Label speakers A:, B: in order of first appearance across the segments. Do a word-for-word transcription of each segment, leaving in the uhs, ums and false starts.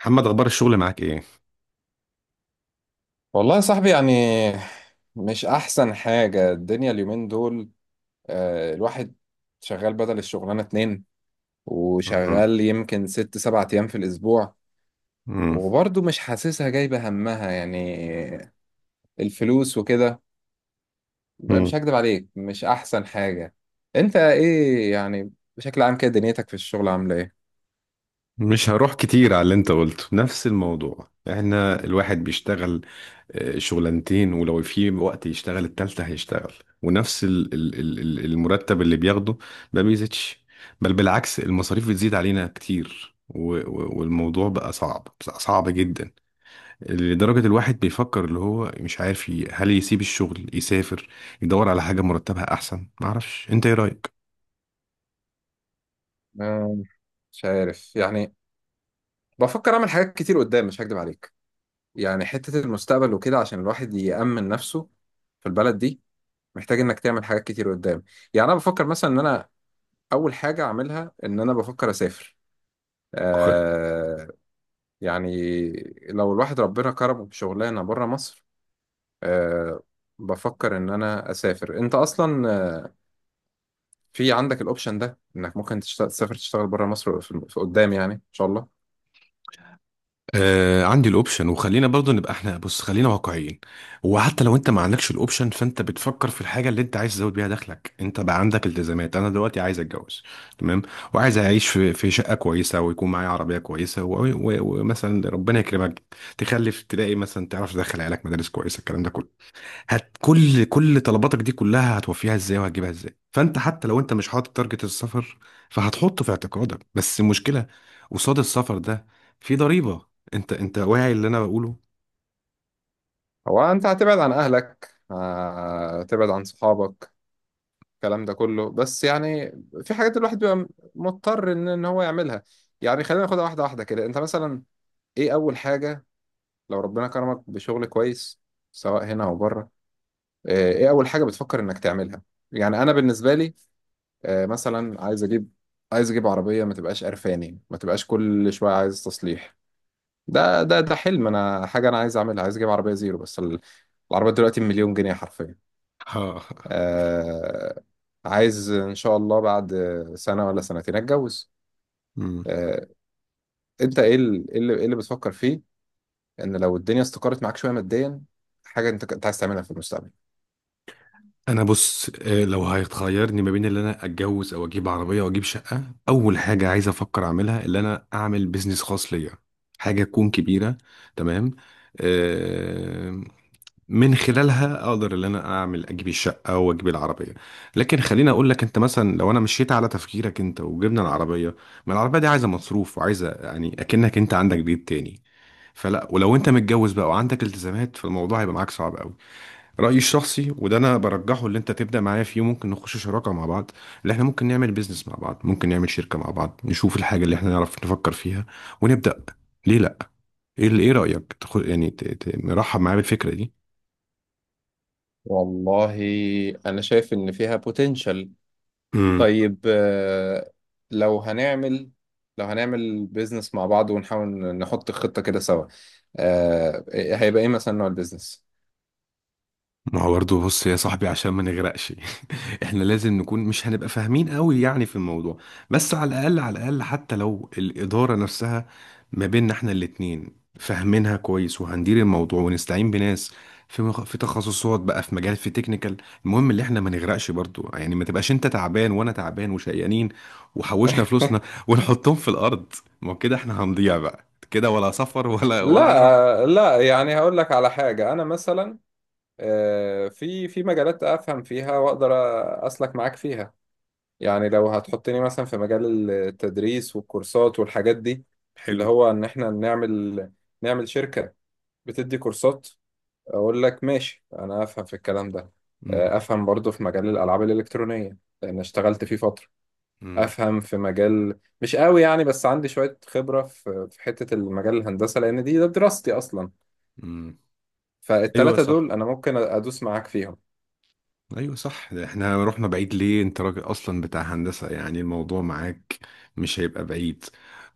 A: محمد، اخبار الشغل معاك ايه؟
B: والله يا صاحبي، يعني مش أحسن حاجة الدنيا اليومين دول. آه، الواحد شغال بدل الشغلانة اتنين،
A: مم.
B: وشغال يمكن ست سبع أيام في الأسبوع.
A: مم.
B: وبرضه مش حاسسها جايبة همها، يعني الفلوس وكده. مش
A: مم.
B: هكدب عليك، مش أحسن حاجة. أنت إيه يعني؟ بشكل عام كده دنيتك في الشغل عاملة إيه؟
A: مش هروح كتير على اللي انت قلته، نفس الموضوع. احنا الواحد بيشتغل آه، شغلانتين، ولو في وقت يشتغل التالتة هيشتغل. ونفس ال- ال- ال- ال- المرتب اللي بياخده ما بيزيدش، بل بالعكس المصاريف بتزيد علينا كتير، و- و- والموضوع بقى صعب، بقى صعب جدا، لدرجة الواحد بيفكر، اللي هو مش عارف، ي- هل يسيب الشغل، يسافر، يدور على حاجة مرتبها احسن. معرفش انت ايه رأيك.
B: آه، مش عارف يعني. بفكر أعمل حاجات كتير قدام، مش هكدب عليك. يعني حتة المستقبل وكده، عشان الواحد يأمن نفسه في البلد دي، محتاج انك تعمل حاجات كتير قدام. يعني انا بفكر مثلا ان انا اول حاجه اعملها ان انا بفكر اسافر. آه يعني لو الواحد ربنا كرمه بشغلانه بره مصر، آه بفكر ان انا اسافر. انت اصلا آه، في عندك الاوبشن ده، انك ممكن تشتغل، تسافر، تشتغل بره مصر في في قدام، يعني ان شاء الله.
A: آه، عندي الاوبشن، وخلينا برضو نبقى احنا، بص خلينا واقعيين. وحتى لو انت ما عندكش الاوبشن فانت بتفكر في الحاجه اللي انت عايز تزود بيها دخلك. انت بقى عندك التزامات، انا دلوقتي عايز اتجوز، تمام، وعايز اعيش في في شقه كويسه، ويكون معايا عربيه كويسه، و- و- ومثلا ربنا يكرمك تخلف، تلاقي مثلا تعرف تدخل عيالك مدارس كويسه، الكلام ده كله. هت كل كل طلباتك دي كلها هتوفيها ازاي وهتجيبها ازاي؟ فانت حتى لو انت مش حاطط تارجت السفر فهتحطه في اعتقادك. بس المشكله قصاد السفر ده في ضريبه. انت انت واعي اللي انا بقوله؟
B: هو انت هتبعد عن اهلك، آه، هتبعد عن صحابك، الكلام ده كله، بس يعني في حاجات الواحد بيبقى مضطر ان إن هو يعملها. يعني خلينا ناخدها واحده واحده كده. انت مثلا ايه اول حاجة لو ربنا كرمك بشغل كويس، سواء هنا او بره، آه، ايه اول حاجة بتفكر انك تعملها؟ يعني انا بالنسبة لي آه، مثلا عايز اجيب عايز اجيب عربية ما تبقاش قرفاني، ما تبقاش كل شوية عايز تصليح. ده ده ده حلم انا، حاجة انا عايز اعملها، عايز اجيب عربية زيرو. بس ال- العربية دلوقتي مليون جنيه حرفيا.
A: ها.
B: آه، عايز ان شاء الله بعد سنة ولا سنتين اتجوز.
A: مم.
B: آه، انت ايه ال- إيه اللي إيه اللي بتفكر فيه، ان لو الدنيا استقرت معاك شويه ماديا، حاجه انت كنت عايز تعملها في المستقبل؟
A: انا بص، آه، لو هيخيرني ما بين اللي انا اتجوز او اجيب عربيه واجيب شقه، اول حاجه عايز افكر اعملها اللي انا اعمل بيزنس خاص ليا، حاجه تكون كبيره، تمام، آه، من خلالها اقدر ان انا اعمل اجيب الشقه واجيب العربيه. لكن خليني اقول لك، انت مثلا لو انا مشيت على تفكيرك انت وجبنا العربيه، ما العربيه دي عايزه مصروف، وعايزه يعني اكنك انت عندك بيت تاني. فلا، ولو انت متجوز بقى وعندك التزامات فالموضوع هيبقى معاك صعب قوي. رايي الشخصي، وده انا برجحه، اللي انت تبدا معايا فيه، ممكن نخش شراكه مع بعض، اللي احنا ممكن نعمل بيزنس مع بعض، ممكن نعمل شركه مع بعض، نشوف الحاجه اللي احنا نعرف نفكر فيها، ونبدا. ليه لا؟ ايه، ايه رايك؟ تاخد يعني، ت- ت- مرحب معايا بالفكره دي؟
B: والله انا شايف ان فيها بوتنشال.
A: امم.
B: طيب، آه، لو هنعمل لو هنعمل بيزنس مع بعض ونحاول نحط خطه كده سوا، آه، هيبقى ايه مثلا نوع البيزنس؟
A: ما هو برضه، بص يا صاحبي، عشان ما نغرقش احنا لازم نكون، مش هنبقى فاهمين قوي يعني في الموضوع، بس على الاقل على الاقل، حتى لو الاداره نفسها ما بيننا احنا الاتنين فاهمينها كويس، وهندير الموضوع ونستعين بناس في مخ... في تخصصات بقى، في مجال، في تكنيكال. المهم اللي احنا ما نغرقش برضه يعني، ما تبقاش انت تعبان وانا تعبان وشقيانين وحوشنا فلوسنا ونحطهم في الارض. ما هو كده احنا هنضيع بقى، كده ولا سفر ولا ولا هنعرف.
B: لا، لا، يعني هقول لك على حاجه. انا مثلا آه، في في مجالات افهم فيها واقدر اسلك معاك فيها. يعني لو هتحطني مثلا في مجال التدريس والكورسات والحاجات دي، اللي
A: حلو.
B: هو ان احنا نعمل نعمل شركة بتدي كورسات، اقول لك ماشي، انا افهم في الكلام ده.
A: امم.
B: آه، افهم برضو في مجال الالعاب الالكترونية لان اشتغلت فيه فترة.
A: امم.
B: افهم في مجال مش قوي يعني، بس عندي شوية خبرة في في حتة المجال الهندسة لان دي ده دراستي اصلا.
A: امم. ايوه
B: فالتلاتة دول
A: صح،
B: انا ممكن ادوس معاك فيهم.
A: ايوه صح. ده احنا رحنا بعيد ليه؟ انت راجل اصلا بتاع هندسة، يعني الموضوع معاك مش هيبقى بعيد.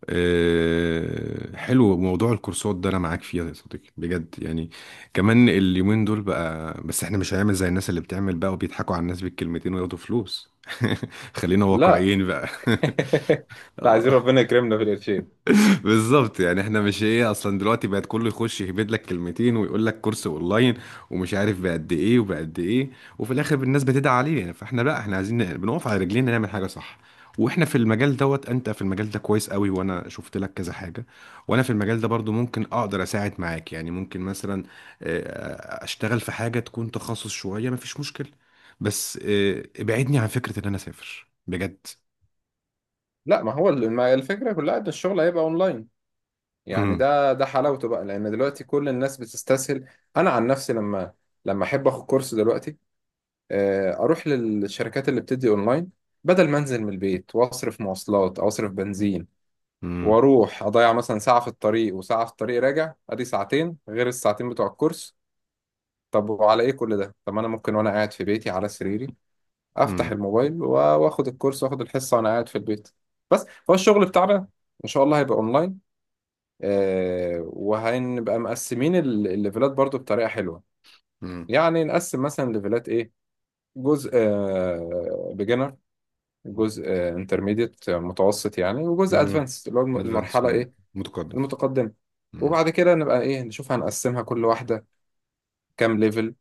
A: أه، حلو، موضوع الكورسات ده انا معاك فيه يا صديقي، بجد يعني، كمان اليومين دول بقى. بس احنا مش هنعمل زي الناس اللي بتعمل بقى وبيضحكوا على الناس بالكلمتين وياخدوا فلوس خلينا
B: لا،
A: واقعيين بقى
B: لا، عايزين
A: اه،
B: ربنا يكرمنا في القرشين.
A: بالظبط يعني. احنا مش ايه، اصلا دلوقتي بقت كله يخش يهبد لك كلمتين ويقول لك كورس اونلاين، ومش عارف بقد ايه وبقد ايه، وفي الاخر الناس بتدعي عليه يعني. فاحنا لا، احنا عايزين ن- بنقف على رجلينا نعمل حاجه صح. واحنا في المجال دوت، انت في المجال ده كويس قوي، وانا شفت لك كذا حاجه، وانا في المجال ده برضو ممكن اقدر اساعد معاك، يعني ممكن مثلا آه، اشتغل في حاجه تكون تخصص شويه، مفيش مشكله. بس آه، ابعدني عن فكره ان انا اسافر، بجد.
B: لا، ما هو ال- ما الفكرة كلها ان الشغل هيبقى اونلاين. يعني
A: امم.
B: ده ده حلاوته بقى، لان دلوقتي كل الناس بتستسهل. انا عن نفسي لما لما احب اخد كورس دلوقتي، آه، اروح للشركات اللي بتدي اونلاين، بدل ما انزل من البيت واصرف مواصلات او اصرف بنزين،
A: امم.
B: واروح اضيع مثلا ساعة في الطريق وساعة في الطريق راجع، ادي ساعتين غير الساعتين بتوع الكورس. طب وعلى ايه كل ده؟ طب ما انا ممكن وانا قاعد في بيتي على سريري افتح
A: امم.
B: الموبايل و- واخد الكورس، واخد الحصة وانا قاعد في البيت. بس هو الشغل بتاعنا ان شاء الله هيبقى اونلاين، آه، وهنبقى مقسمين ال- الليفلات برضو بطريقة حلوة.
A: امم.
B: يعني نقسم مثلا ليفلات ايه؟ جزء بيجنر، جزء انترميديت متوسط يعني، وجزء
A: امم.
B: ادفانس اللي هو الم-
A: ادفانس،
B: المرحلة ايه؟
A: متقدم.
B: المتقدمة.
A: امم.
B: وبعد كده نبقى ايه، نشوف هنقسمها كل واحدة كام ليفل.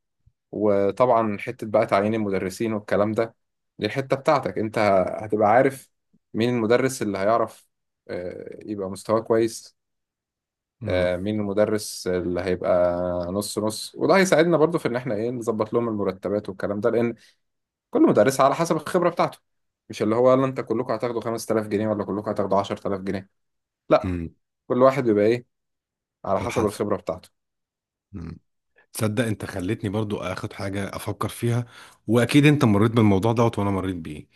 B: وطبعا حتة بقى تعيين المدرسين والكلام ده، دي الحتة بتاعتك انت. هتبقى عارف مين المدرس اللي هيعرف آه، يبقى مستواه كويس،
A: امم.
B: آه، مين المدرس اللي هيبقى نص نص. وده هيساعدنا برضو في ان احنا ايه نظبط لهم المرتبات والكلام ده، لان كل مدرس على حسب الخبرة بتاعته. مش اللي هو يلا انت كلكم هتاخدوا خمستلاف جنيه، ولا كلكم هتاخدوا عشرتلاف جنيه. لا،
A: امم.
B: كل واحد بيبقى ايه على
A: على
B: حسب
A: حسب.
B: الخبرة بتاعته.
A: امم. تصدق انت خلتني برضو اخد حاجه افكر فيها، واكيد انت مريت بالموضوع دوت وانا مريت بيه.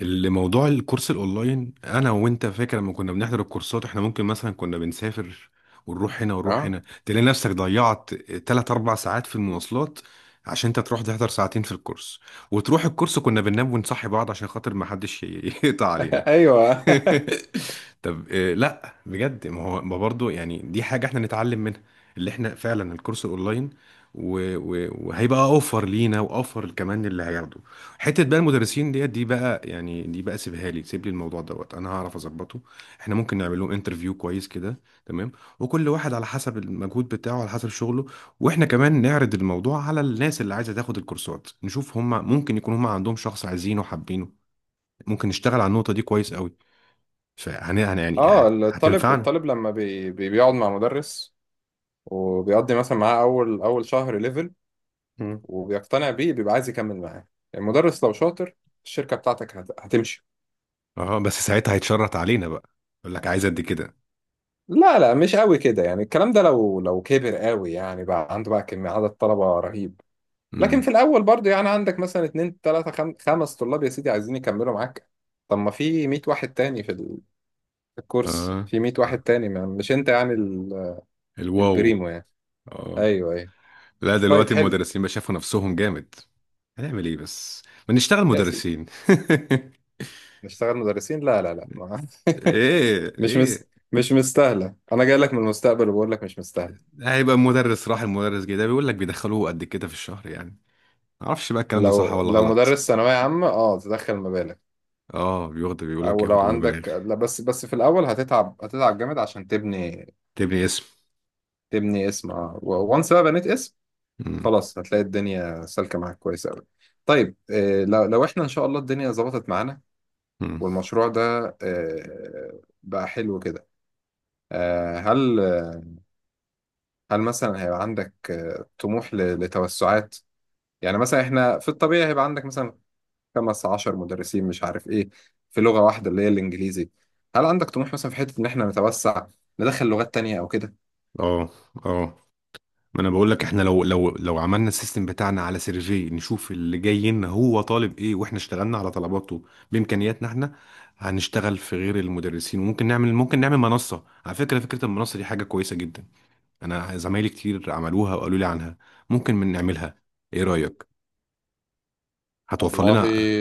A: اللي موضوع الكورس الاونلاين، انا وانت فاكر لما كنا بنحضر الكورسات، احنا ممكن مثلا كنا بنسافر ونروح هنا ونروح
B: اه،
A: هنا، تلاقي نفسك ضيعت تلاتة 4 ساعات في المواصلات عشان انت تروح تحضر ساعتين في الكورس. وتروح الكورس كنا بننام ونصحي بعض عشان خاطر ما حدش ي- يقطع علينا
B: ايوه،
A: طب آه، لا بجد، ما هو ما برضه يعني دي حاجة احنا نتعلم منها، اللي احنا فعلا الكورس اونلاين، و- و- وهيبقى اوفر لينا، واوفر كمان اللي هياخده. حتة بقى المدرسين ديت، دي بقى يعني دي بقى سيبها لي، سيب لي الموضوع دوت انا هعرف اظبطه. احنا ممكن نعمل لهم انترفيو كويس كده، تمام، وكل واحد على حسب المجهود بتاعه، على حسب شغله. واحنا كمان نعرض الموضوع على الناس اللي عايزة تاخد الكورسات، نشوف هم ممكن يكون هم عندهم شخص عايزينه وحابينه. ممكن نشتغل على النقطة دي كويس قوي، فهن يعني يعني
B: اه،
A: هت...
B: الطالب
A: هتنفعنا.
B: الطالب لما بي بي- بيقعد مع مدرس، وبيقضي مثلا معاه اول اول شهر ليفل،
A: مم.
B: وبيقتنع بيه، بيبقى عايز يكمل معاه. المدرس لو شاطر، الشركة بتاعتك هت- هتمشي.
A: اه بس ساعتها هيتشرط علينا بقى، يقول لك عايز قد كده.
B: لا، لا، مش قوي كده يعني الكلام ده، لو لو كبر قوي يعني، بقى عنده بقى كمية عدد طلبة رهيب. لكن
A: امم.
B: في الأول برضو يعني عندك مثلا اتنين تلاتة خم... خمس طلاب يا سيدي عايزين يكملوا معاك. طب ما في مية واحد تاني في ال- في الكورس،
A: اه.
B: في مية
A: اه.
B: واحد تاني ما مش أنت يعني ال...
A: الواو.
B: البريمو يعني.
A: اه.
B: أيوه، أيوه.
A: لا
B: طيب،
A: دلوقتي
B: حلو.
A: المدرسين بقى شافوا نفسهم جامد. هنعمل ايه بس؟ ما نشتغل
B: يا سيدي
A: مدرسين
B: نشتغل مدرسين، لا، لا، لا، ما...
A: ايه،
B: مش مس...
A: ايه؟
B: مش مستاهلة. أنا جاي لك من المستقبل وبقول لك مش مستاهلة.
A: هيبقى مدرس راح المدرس جه، ده بيقول لك بيدخلوه قد كده في الشهر يعني، ما اعرفش بقى الكلام ده صح
B: لو
A: ولا
B: لو
A: غلط.
B: مدرس ثانوية عامة، أه تدخل مبالغ.
A: اه بياخدوا، بيقول لك
B: او لو
A: ياخدوا مبالغ.
B: عندك، لا، بس بس في الاول هتتعب، هتتعب جامد عشان تبني.
A: تبني اسم.
B: تبني اسم. اه، وانس بقى بنيت اسم،
A: امم.
B: خلاص هتلاقي الدنيا سالكه معاك كويس قوي. طيب، آه، لو لو احنا ان شاء الله الدنيا ظبطت معانا،
A: امم.
B: والمشروع ده آه، بقى حلو كده، آه، هل هل مثلا هيبقى عندك آه، طموح ل- لتوسعات؟ يعني مثلا احنا في الطبيعي هيبقى عندك مثلا خمس عشر مدرسين، مش عارف ايه، في لغة واحدة اللي هي الانجليزي. هل عندك طموح مثلا في حتة ان احنا نتوسع ندخل لغات تانية او كده؟
A: اه. اه. ما انا بقول لك احنا، لو لو لو عملنا السيستم بتاعنا على سيرفي، نشوف اللي جاي لنا هو طالب ايه، واحنا اشتغلنا على طلباته بامكانياتنا احنا. هنشتغل في غير المدرسين، وممكن نعمل، ممكن نعمل منصة. على فكرة، فكرة المنصة دي حاجة كويسة جدا، انا زمايلي كتير عملوها وقالوا لي عنها. ممكن من نعملها. ايه رأيك؟ هتوفر
B: والله،
A: لنا.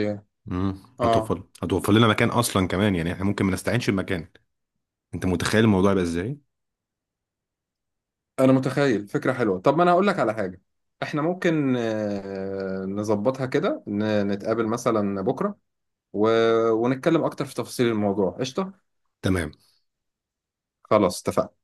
A: امم.
B: اه
A: هتوفر، هتوفر لنا مكان اصلا كمان، يعني احنا ممكن ما نستعينش بمكان. انت متخيل الموضوع يبقى ازاي؟
B: انا متخيل فكرة حلوة. طب ما انا هقول لك على حاجة. احنا ممكن آه، نظبطها كده، ن- نتقابل مثلا بكرة و... ونتكلم اكتر في تفاصيل الموضوع. قشطة،
A: تمام.
B: خلاص اتفقنا.